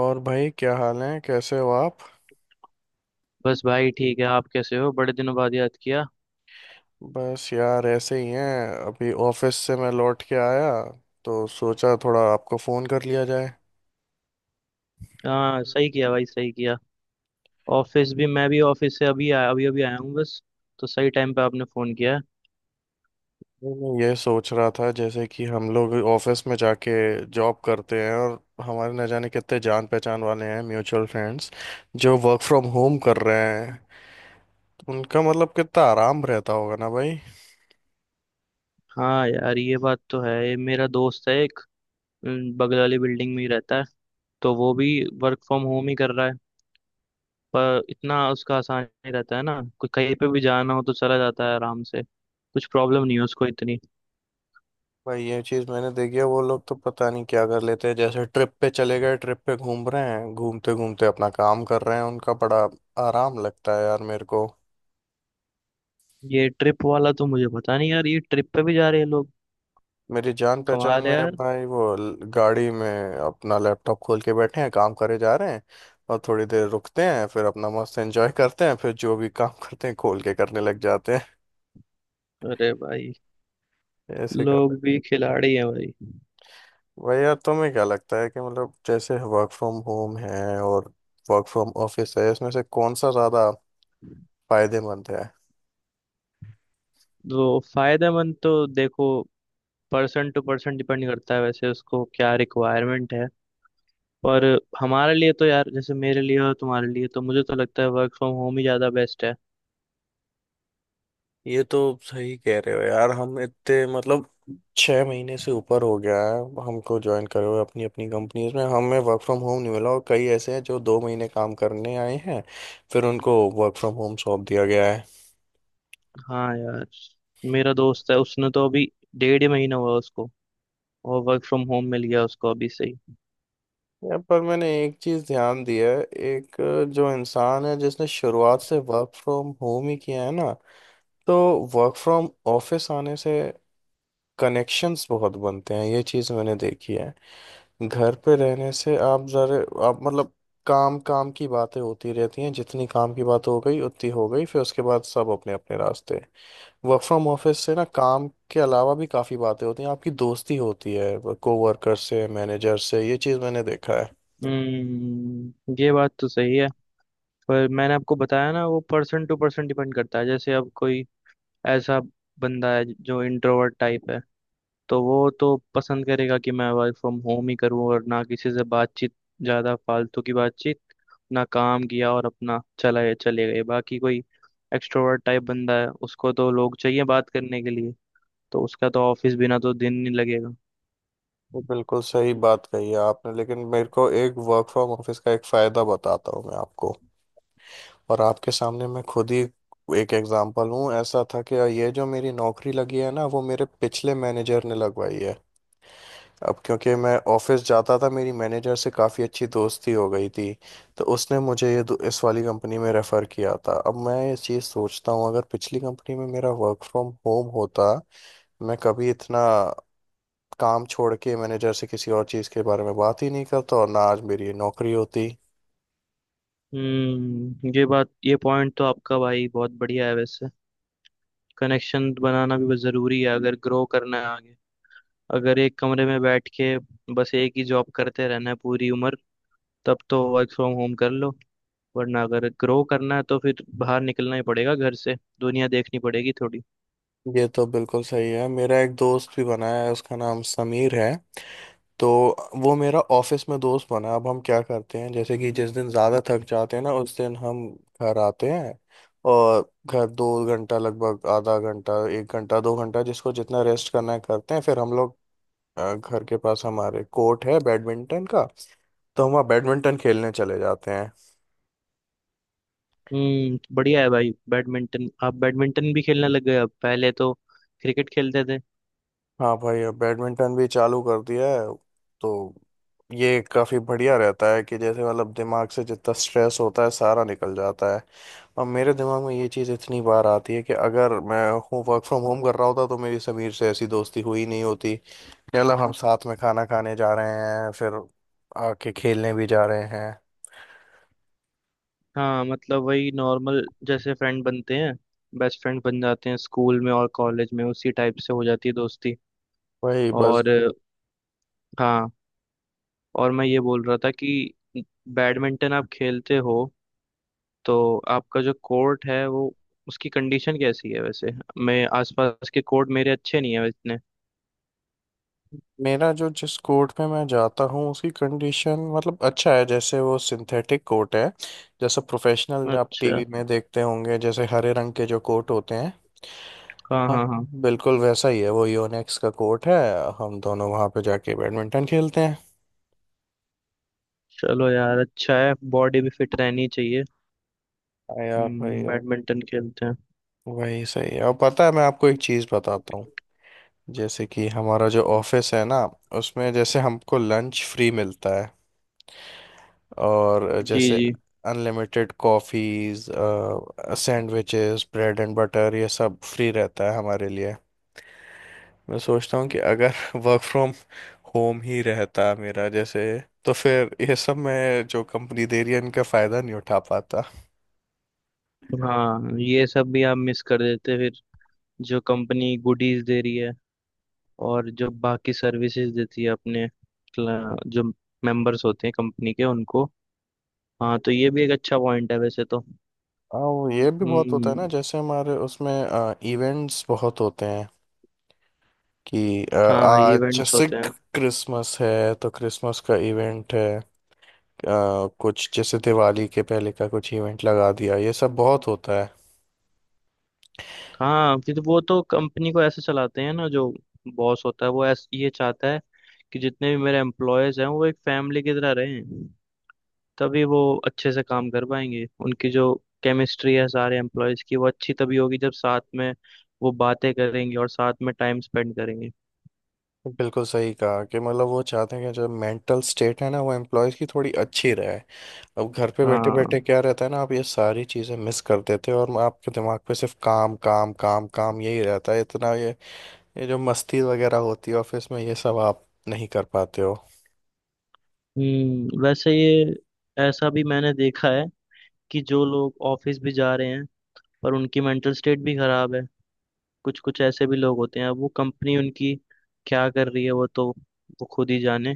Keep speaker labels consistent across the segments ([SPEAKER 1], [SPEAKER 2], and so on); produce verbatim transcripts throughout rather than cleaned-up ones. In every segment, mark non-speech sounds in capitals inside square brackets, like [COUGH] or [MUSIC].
[SPEAKER 1] और भाई, क्या हाल है? कैसे हो आप?
[SPEAKER 2] बस भाई ठीक है। आप कैसे हो? बड़े दिनों बाद याद किया।
[SPEAKER 1] बस यार ऐसे ही हैं। अभी ऑफिस से मैं लौट के आया, तो सोचा थोड़ा आपको फ़ोन कर लिया जाए।
[SPEAKER 2] हाँ, सही किया भाई, सही किया। ऑफिस भी, मैं भी ऑफिस से अभी आया, अभी अभी आया हूँ बस। तो सही टाइम पे आपने फ़ोन किया है।
[SPEAKER 1] नहीं, मैं ये सोच रहा था जैसे कि हम लोग ऑफिस में जाके जॉब करते हैं, और हमारे न जाने कितने जान पहचान वाले हैं, म्यूचुअल फ्रेंड्स जो वर्क फ्रॉम होम कर रहे हैं, उनका मतलब कितना आराम रहता होगा ना भाई।
[SPEAKER 2] हाँ यार, ये बात तो है। ये मेरा दोस्त है एक, अम, बगल वाली बिल्डिंग में ही रहता है। तो वो भी वर्क फ्रॉम होम ही कर रहा है। पर इतना उसका आसान नहीं रहता है ना, कोई कहीं पे भी जाना हो तो चला जाता है आराम से, कुछ प्रॉब्लम नहीं है उसको इतनी।
[SPEAKER 1] भाई, ये चीज मैंने देखी है। वो लोग तो पता नहीं क्या कर लेते हैं, जैसे ट्रिप पे चले गए, ट्रिप पे घूम रहे हैं, घूमते घूमते अपना काम कर रहे हैं। उनका बड़ा आराम लगता है यार मेरे को।
[SPEAKER 2] ये ट्रिप वाला तो मुझे पता नहीं यार, ये ट्रिप पे भी जा रहे हैं लोग।
[SPEAKER 1] मेरी जान पहचान
[SPEAKER 2] कमाल है
[SPEAKER 1] में है
[SPEAKER 2] यार।
[SPEAKER 1] भाई। वो ल- गाड़ी में अपना लैपटॉप खोल के बैठे हैं, काम करे जा रहे हैं। और थोड़ी देर रुकते हैं, फिर अपना मस्त एंजॉय करते हैं, फिर जो भी काम [LAUGHS] करते हैं खोल के करने लग जाते हैं।
[SPEAKER 2] अरे भाई,
[SPEAKER 1] ऐसे करते
[SPEAKER 2] लोग
[SPEAKER 1] हैं।
[SPEAKER 2] भी खिलाड़ी हैं भाई।
[SPEAKER 1] भाई यार, तुम्हें क्या लगता है कि मतलब जैसे वर्क फ्रॉम होम है और वर्क फ्रॉम ऑफिस है, इसमें से कौन सा ज्यादा फायदेमंद है?
[SPEAKER 2] तो फायदेमंद तो देखो, पर्सन टू पर्सन डिपेंड करता है वैसे, उसको क्या रिक्वायरमेंट है। पर हमारे लिए तो यार, जैसे मेरे लिए और तुम्हारे लिए, तो मुझे तो लगता है वर्क फ्रॉम होम ही ज़्यादा बेस्ट है।
[SPEAKER 1] ये तो सही कह रहे हो यार। हम इतने मतलब छह महीने से ऊपर हो गया है हमको ज्वाइन करे हुए अपनी अपनी कंपनीज में, हमें वर्क फ्रॉम होम नहीं मिला। और कई ऐसे हैं जो दो महीने काम करने आए हैं, फिर उनको वर्क फ्रॉम होम सौंप दिया गया है।
[SPEAKER 2] हाँ यार, मेरा दोस्त है, उसने तो अभी डेढ़ ही महीना हुआ उसको, और वर्क फ्रॉम होम मिल गया उसको अभी से ही।
[SPEAKER 1] यहाँ पर मैंने एक चीज़ ध्यान दी है। एक अ, जो इंसान है जिसने शुरुआत से वर्क फ्रॉम होम ही किया है ना, तो वर्क फ्रॉम ऑफिस आने से कनेक्शंस बहुत बनते हैं, ये चीज़ मैंने देखी है। घर पे रहने से आप जरा, आप मतलब काम काम की बातें होती रहती हैं, जितनी काम की बात हो गई उतनी हो गई, फिर उसके बाद सब अपने अपने रास्ते। वर्क फ्रॉम ऑफिस से ना काम के अलावा भी काफ़ी बातें होती हैं, आपकी दोस्ती होती है कोवर्कर से, मैनेजर से, ये चीज़ मैंने देखा है।
[SPEAKER 2] हम्म, ये बात तो सही है। पर मैंने आपको बताया ना, वो पर्सन टू पर्सन डिपेंड करता है। जैसे अब कोई ऐसा बंदा है जो इंट्रोवर्ट टाइप है, तो वो तो पसंद करेगा कि मैं वर्क फ्रॉम होम ही करूँ और ना किसी से बातचीत, ज़्यादा फालतू की बातचीत ना, काम किया और अपना चला चले गए। बाकी कोई एक्सट्रोवर्ट टाइप बंदा है, उसको तो लोग चाहिए बात करने के लिए, तो उसका तो ऑफिस बिना तो दिन नहीं लगेगा।
[SPEAKER 1] ये बिल्कुल सही बात कही है आपने। लेकिन मेरे को एक वर्क फ्रॉम ऑफिस का एक फ़ायदा बताता हूँ मैं आपको, और आपके सामने मैं खुद ही एक एग्जांपल हूँ। ऐसा था कि ये जो मेरी नौकरी लगी है ना, वो मेरे पिछले मैनेजर ने लगवाई है। अब क्योंकि मैं ऑफिस जाता था, मेरी मैनेजर से काफ़ी अच्छी दोस्ती हो गई थी, तो उसने मुझे ये दो- इस वाली कंपनी में रेफ़र किया था। अब मैं ये चीज़ सोचता हूँ, अगर पिछली कंपनी में मेरा वर्क फ्रॉम होम होता, मैं कभी इतना काम छोड़ के मैनेजर से किसी और चीज़ के बारे में बात ही नहीं करता, और ना आज मेरी ये नौकरी होती।
[SPEAKER 2] हम्म, ये बात, ये पॉइंट तो आपका भाई बहुत बढ़िया है वैसे। कनेक्शन बनाना भी बहुत ज़रूरी है अगर ग्रो करना है आगे। अगर एक कमरे में बैठ के बस एक ही जॉब करते रहना है पूरी उम्र, तब तो वर्क फ्रॉम होम कर लो। वरना अगर ग्रो करना है तो फिर बाहर निकलना ही पड़ेगा घर से, दुनिया देखनी पड़ेगी थोड़ी।
[SPEAKER 1] ये तो बिल्कुल सही है। मेरा एक दोस्त भी बना है, उसका नाम समीर है। तो वो मेरा ऑफिस में दोस्त बना। अब हम क्या करते हैं, जैसे कि जिस दिन ज़्यादा थक जाते हैं ना, उस दिन हम घर आते हैं, और घर दो घंटा लगभग, आधा घंटा, एक घंटा, दो घंटा जिसको जितना रेस्ट करना है करते हैं, फिर हम लोग अ, घर के पास हमारे कोर्ट है बैडमिंटन का, तो हम वहाँ बैडमिंटन खेलने चले जाते हैं।
[SPEAKER 2] हम्म, बढ़िया है भाई। बैडमिंटन, आप बैडमिंटन भी खेलने लग गए? अब पहले तो क्रिकेट खेलते थे।
[SPEAKER 1] हाँ भाई, अब बैडमिंटन भी चालू कर दिया है। तो ये काफ़ी बढ़िया रहता है कि जैसे मतलब दिमाग से जितना स्ट्रेस होता है सारा निकल जाता है। और मेरे दिमाग में ये चीज़ इतनी बार आती है कि अगर मैं हूँ वर्क फ्रॉम होम कर रहा होता, तो मेरी समीर से ऐसी दोस्ती हुई नहीं होती कि मतलब हम साथ में खाना खाने जा रहे हैं, फिर आके खेलने भी जा रहे हैं।
[SPEAKER 2] हाँ, मतलब वही नॉर्मल, जैसे फ्रेंड बनते हैं, बेस्ट फ्रेंड बन जाते हैं स्कूल में और कॉलेज में, उसी टाइप से हो जाती है दोस्ती।
[SPEAKER 1] वही बस।
[SPEAKER 2] और हाँ, और मैं ये बोल रहा था कि बैडमिंटन आप खेलते हो, तो आपका जो कोर्ट है वो, उसकी कंडीशन कैसी है वैसे? मैं, आसपास के कोर्ट मेरे अच्छे नहीं है वैसे।
[SPEAKER 1] मेरा जो, जिस कोर्ट में मैं जाता हूँ उसकी कंडीशन मतलब अच्छा है, जैसे वो सिंथेटिक कोर्ट है, जैसे प्रोफेशनल आप
[SPEAKER 2] अच्छा।
[SPEAKER 1] टीवी में देखते होंगे जैसे हरे रंग के जो कोर्ट होते हैं।
[SPEAKER 2] हाँ
[SPEAKER 1] हाँ,
[SPEAKER 2] हाँ हाँ।
[SPEAKER 1] बिल्कुल वैसा ही है। वो योनेक्स का कोर्ट है, हम दोनों वहाँ पे जाके बैडमिंटन खेलते हैं।
[SPEAKER 2] चलो यार, अच्छा है, बॉडी भी फिट रहनी चाहिए।
[SPEAKER 1] हाँ यार भाई,
[SPEAKER 2] हम्म,
[SPEAKER 1] अब
[SPEAKER 2] बैडमिंटन खेलते हैं।
[SPEAKER 1] वही सही है। और पता है, मैं आपको एक चीज़ बताता हूँ, जैसे कि हमारा जो ऑफिस है ना, उसमें जैसे हमको लंच फ्री मिलता है, और
[SPEAKER 2] जी
[SPEAKER 1] जैसे
[SPEAKER 2] जी।
[SPEAKER 1] Unlimited coffees, sandwiches, bread and butter, ये सब फ्री रहता है हमारे लिए। मैं सोचता हूँ कि अगर [LAUGHS] वर्क फ्रॉम होम ही रहता मेरा, जैसे तो फिर ये सब, मैं जो कंपनी दे रही है, इनका फ़ायदा नहीं उठा पाता।
[SPEAKER 2] हाँ, ये सब भी आप मिस कर देते फिर, जो कंपनी गुडीज दे रही है और जो बाकी सर्विसेज देती है अपने क्ला- जो मेंबर्स होते हैं कंपनी के, उनको। हाँ, तो ये भी एक अच्छा पॉइंट है वैसे तो।
[SPEAKER 1] हाँ, वो ये भी बहुत होता है
[SPEAKER 2] हम्म।
[SPEAKER 1] ना, जैसे हमारे उसमें इवेंट्स बहुत होते हैं, कि अ,
[SPEAKER 2] हाँ,
[SPEAKER 1] आज
[SPEAKER 2] इवेंट्स
[SPEAKER 1] जैसे
[SPEAKER 2] होते हैं।
[SPEAKER 1] क्रिसमस है तो क्रिसमस का इवेंट है, आ, कुछ जैसे दिवाली के पहले का कुछ इवेंट लगा दिया, ये सब बहुत होता है।
[SPEAKER 2] हाँ, फिर वो तो कंपनी को ऐसे चलाते हैं ना, जो बॉस होता है वो ऐस ये चाहता है कि जितने भी मेरे एम्प्लॉयज हैं वो एक फैमिली की तरह रहें। तभी वो अच्छे से काम कर पाएंगे। उनकी जो केमिस्ट्री है सारे एम्प्लॉयज की, वो अच्छी तभी होगी जब साथ में वो बातें करेंगे और साथ में टाइम स्पेंड करेंगे।
[SPEAKER 1] बिल्कुल सही कहा कि मतलब वो चाहते हैं कि जो मेंटल स्टेट है ना, वो एम्प्लॉयज़ की थोड़ी अच्छी रहे। अब घर पे बैठे
[SPEAKER 2] हाँ।
[SPEAKER 1] बैठे क्या रहता है ना, आप ये सारी चीज़ें मिस कर देते हो, और आपके दिमाग पे सिर्फ काम काम काम काम यही रहता है इतना, ये ये जो मस्ती वगैरह होती है ऑफिस में, ये सब आप नहीं कर पाते हो।
[SPEAKER 2] हम्म, वैसे ये, ऐसा भी मैंने देखा है कि जो लोग ऑफिस भी जा रहे हैं पर उनकी मेंटल स्टेट भी खराब है। कुछ कुछ ऐसे भी लोग होते हैं, अब वो कंपनी उनकी क्या कर रही है, वो तो वो खुद ही जाने।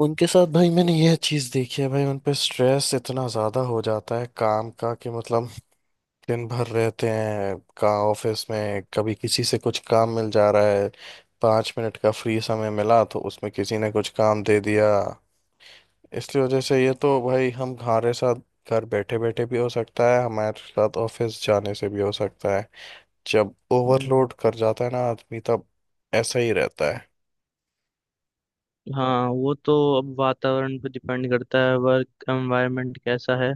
[SPEAKER 1] उनके साथ भाई मैंने यह चीज़ देखी है भाई, उन पे स्ट्रेस इतना ज़्यादा हो जाता है काम का कि मतलब दिन भर रहते हैं कहाँ, ऑफिस में कभी किसी से कुछ काम मिल जा रहा है, पाँच मिनट का फ्री समय मिला तो उसमें किसी ने कुछ काम दे दिया। इसलिए वजह से ये तो भाई, हम हमारे साथ घर बैठे बैठे भी हो सकता है, हमारे साथ ऑफिस जाने से भी हो सकता है। जब ओवरलोड कर जाता है ना आदमी, तब ऐसा ही रहता है।
[SPEAKER 2] हाँ, वो तो अब वातावरण पे डिपेंड करता है, वर्क एनवायरनमेंट कैसा है,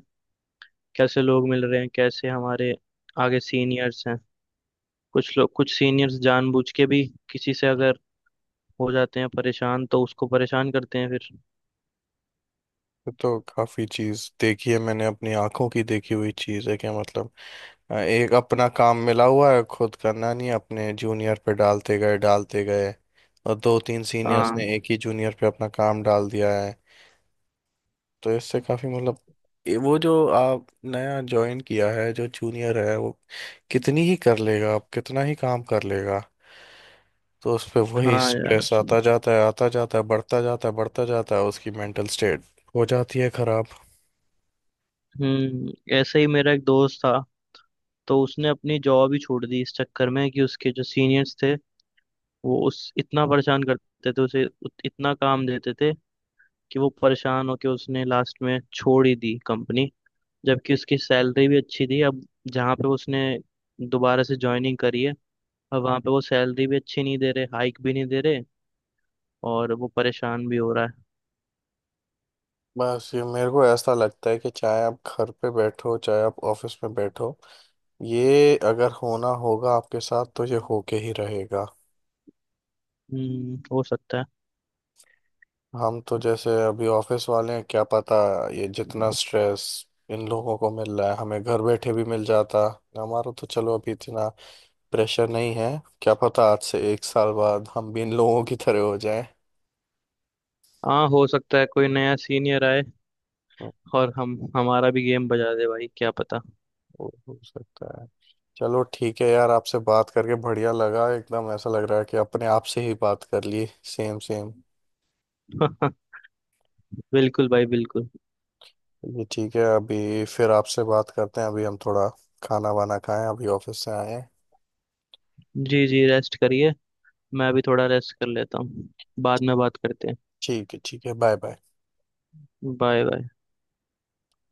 [SPEAKER 2] कैसे लोग मिल रहे हैं, कैसे हमारे आगे सीनियर्स हैं। कुछ लोग, कुछ सीनियर्स जानबूझ के भी, किसी से अगर हो जाते हैं परेशान तो उसको परेशान करते हैं फिर।
[SPEAKER 1] ये तो काफी चीज देखी है मैंने, अपनी आंखों की देखी हुई चीज है। क्या मतलब, अ, एक अपना काम मिला हुआ है, खुद करना नहीं है, अपने जूनियर पे डालते गए डालते गए। और दो तीन सीनियर्स
[SPEAKER 2] हाँ
[SPEAKER 1] ने एक ही जूनियर पे अपना काम डाल दिया है, तो इससे काफी मतलब, ये वो जो आप नया ज्वाइन किया है, जो जूनियर है वो कितनी ही कर लेगा, आप कितना ही काम कर लेगा, तो उस पे
[SPEAKER 2] हाँ
[SPEAKER 1] वही
[SPEAKER 2] हाँ यार।
[SPEAKER 1] स्ट्रेस आता जाता है, आता जाता है, बढ़ता जाता है, बढ़ता जाता है, उसकी मेंटल स्टेट हो जाती है खराब।
[SPEAKER 2] हम्म, ऐसे ही मेरा एक दोस्त था। तो उसने अपनी जॉब ही छोड़ दी इस चक्कर में कि उसके जो सीनियर्स थे वो उस इतना परेशान करते थे उसे, उत- इतना काम देते थे कि वो परेशान होके उसने लास्ट में छोड़ ही दी कंपनी। जबकि उसकी सैलरी भी अच्छी थी। अब जहाँ पे उसने दोबारा से ज्वाइनिंग करी है, अब वहाँ पे वो सैलरी भी अच्छी नहीं दे रहे, हाइक भी नहीं दे रहे, और वो परेशान भी हो रहा है।
[SPEAKER 1] बस ये मेरे को ऐसा लगता है कि चाहे आप घर पे बैठो, चाहे आप ऑफिस में बैठो, ये अगर होना होगा आपके साथ, तो ये होके ही रहेगा।
[SPEAKER 2] हम्म, हो सकता है।
[SPEAKER 1] हम तो जैसे अभी ऑफिस वाले हैं, क्या पता ये जितना स्ट्रेस इन लोगों को मिल रहा है, हमें घर बैठे भी मिल जाता। हमारा तो चलो अभी इतना प्रेशर नहीं है, क्या पता आज से एक साल बाद हम भी इन लोगों की तरह हो जाएं।
[SPEAKER 2] हाँ, हो सकता है कोई नया सीनियर आए
[SPEAKER 1] हो
[SPEAKER 2] और हम, हमारा भी गेम बजा दे भाई, क्या पता।
[SPEAKER 1] हो सकता है। चलो ठीक है यार, आपसे बात करके बढ़िया लगा, एकदम ऐसा लग रहा है कि अपने आप से ही बात कर ली। Same same.
[SPEAKER 2] [LAUGHS] बिल्कुल भाई, बिल्कुल।
[SPEAKER 1] ये ठीक है, अभी फिर आपसे बात करते हैं, अभी हम थोड़ा खाना वाना खाएं, अभी ऑफिस से आए हैं।
[SPEAKER 2] जी जी, रेस्ट करिए। मैं भी थोड़ा रेस्ट कर लेता हूँ, बाद में बात करते हैं।
[SPEAKER 1] ठीक है ठीक है, बाय बाय।
[SPEAKER 2] Bye bye.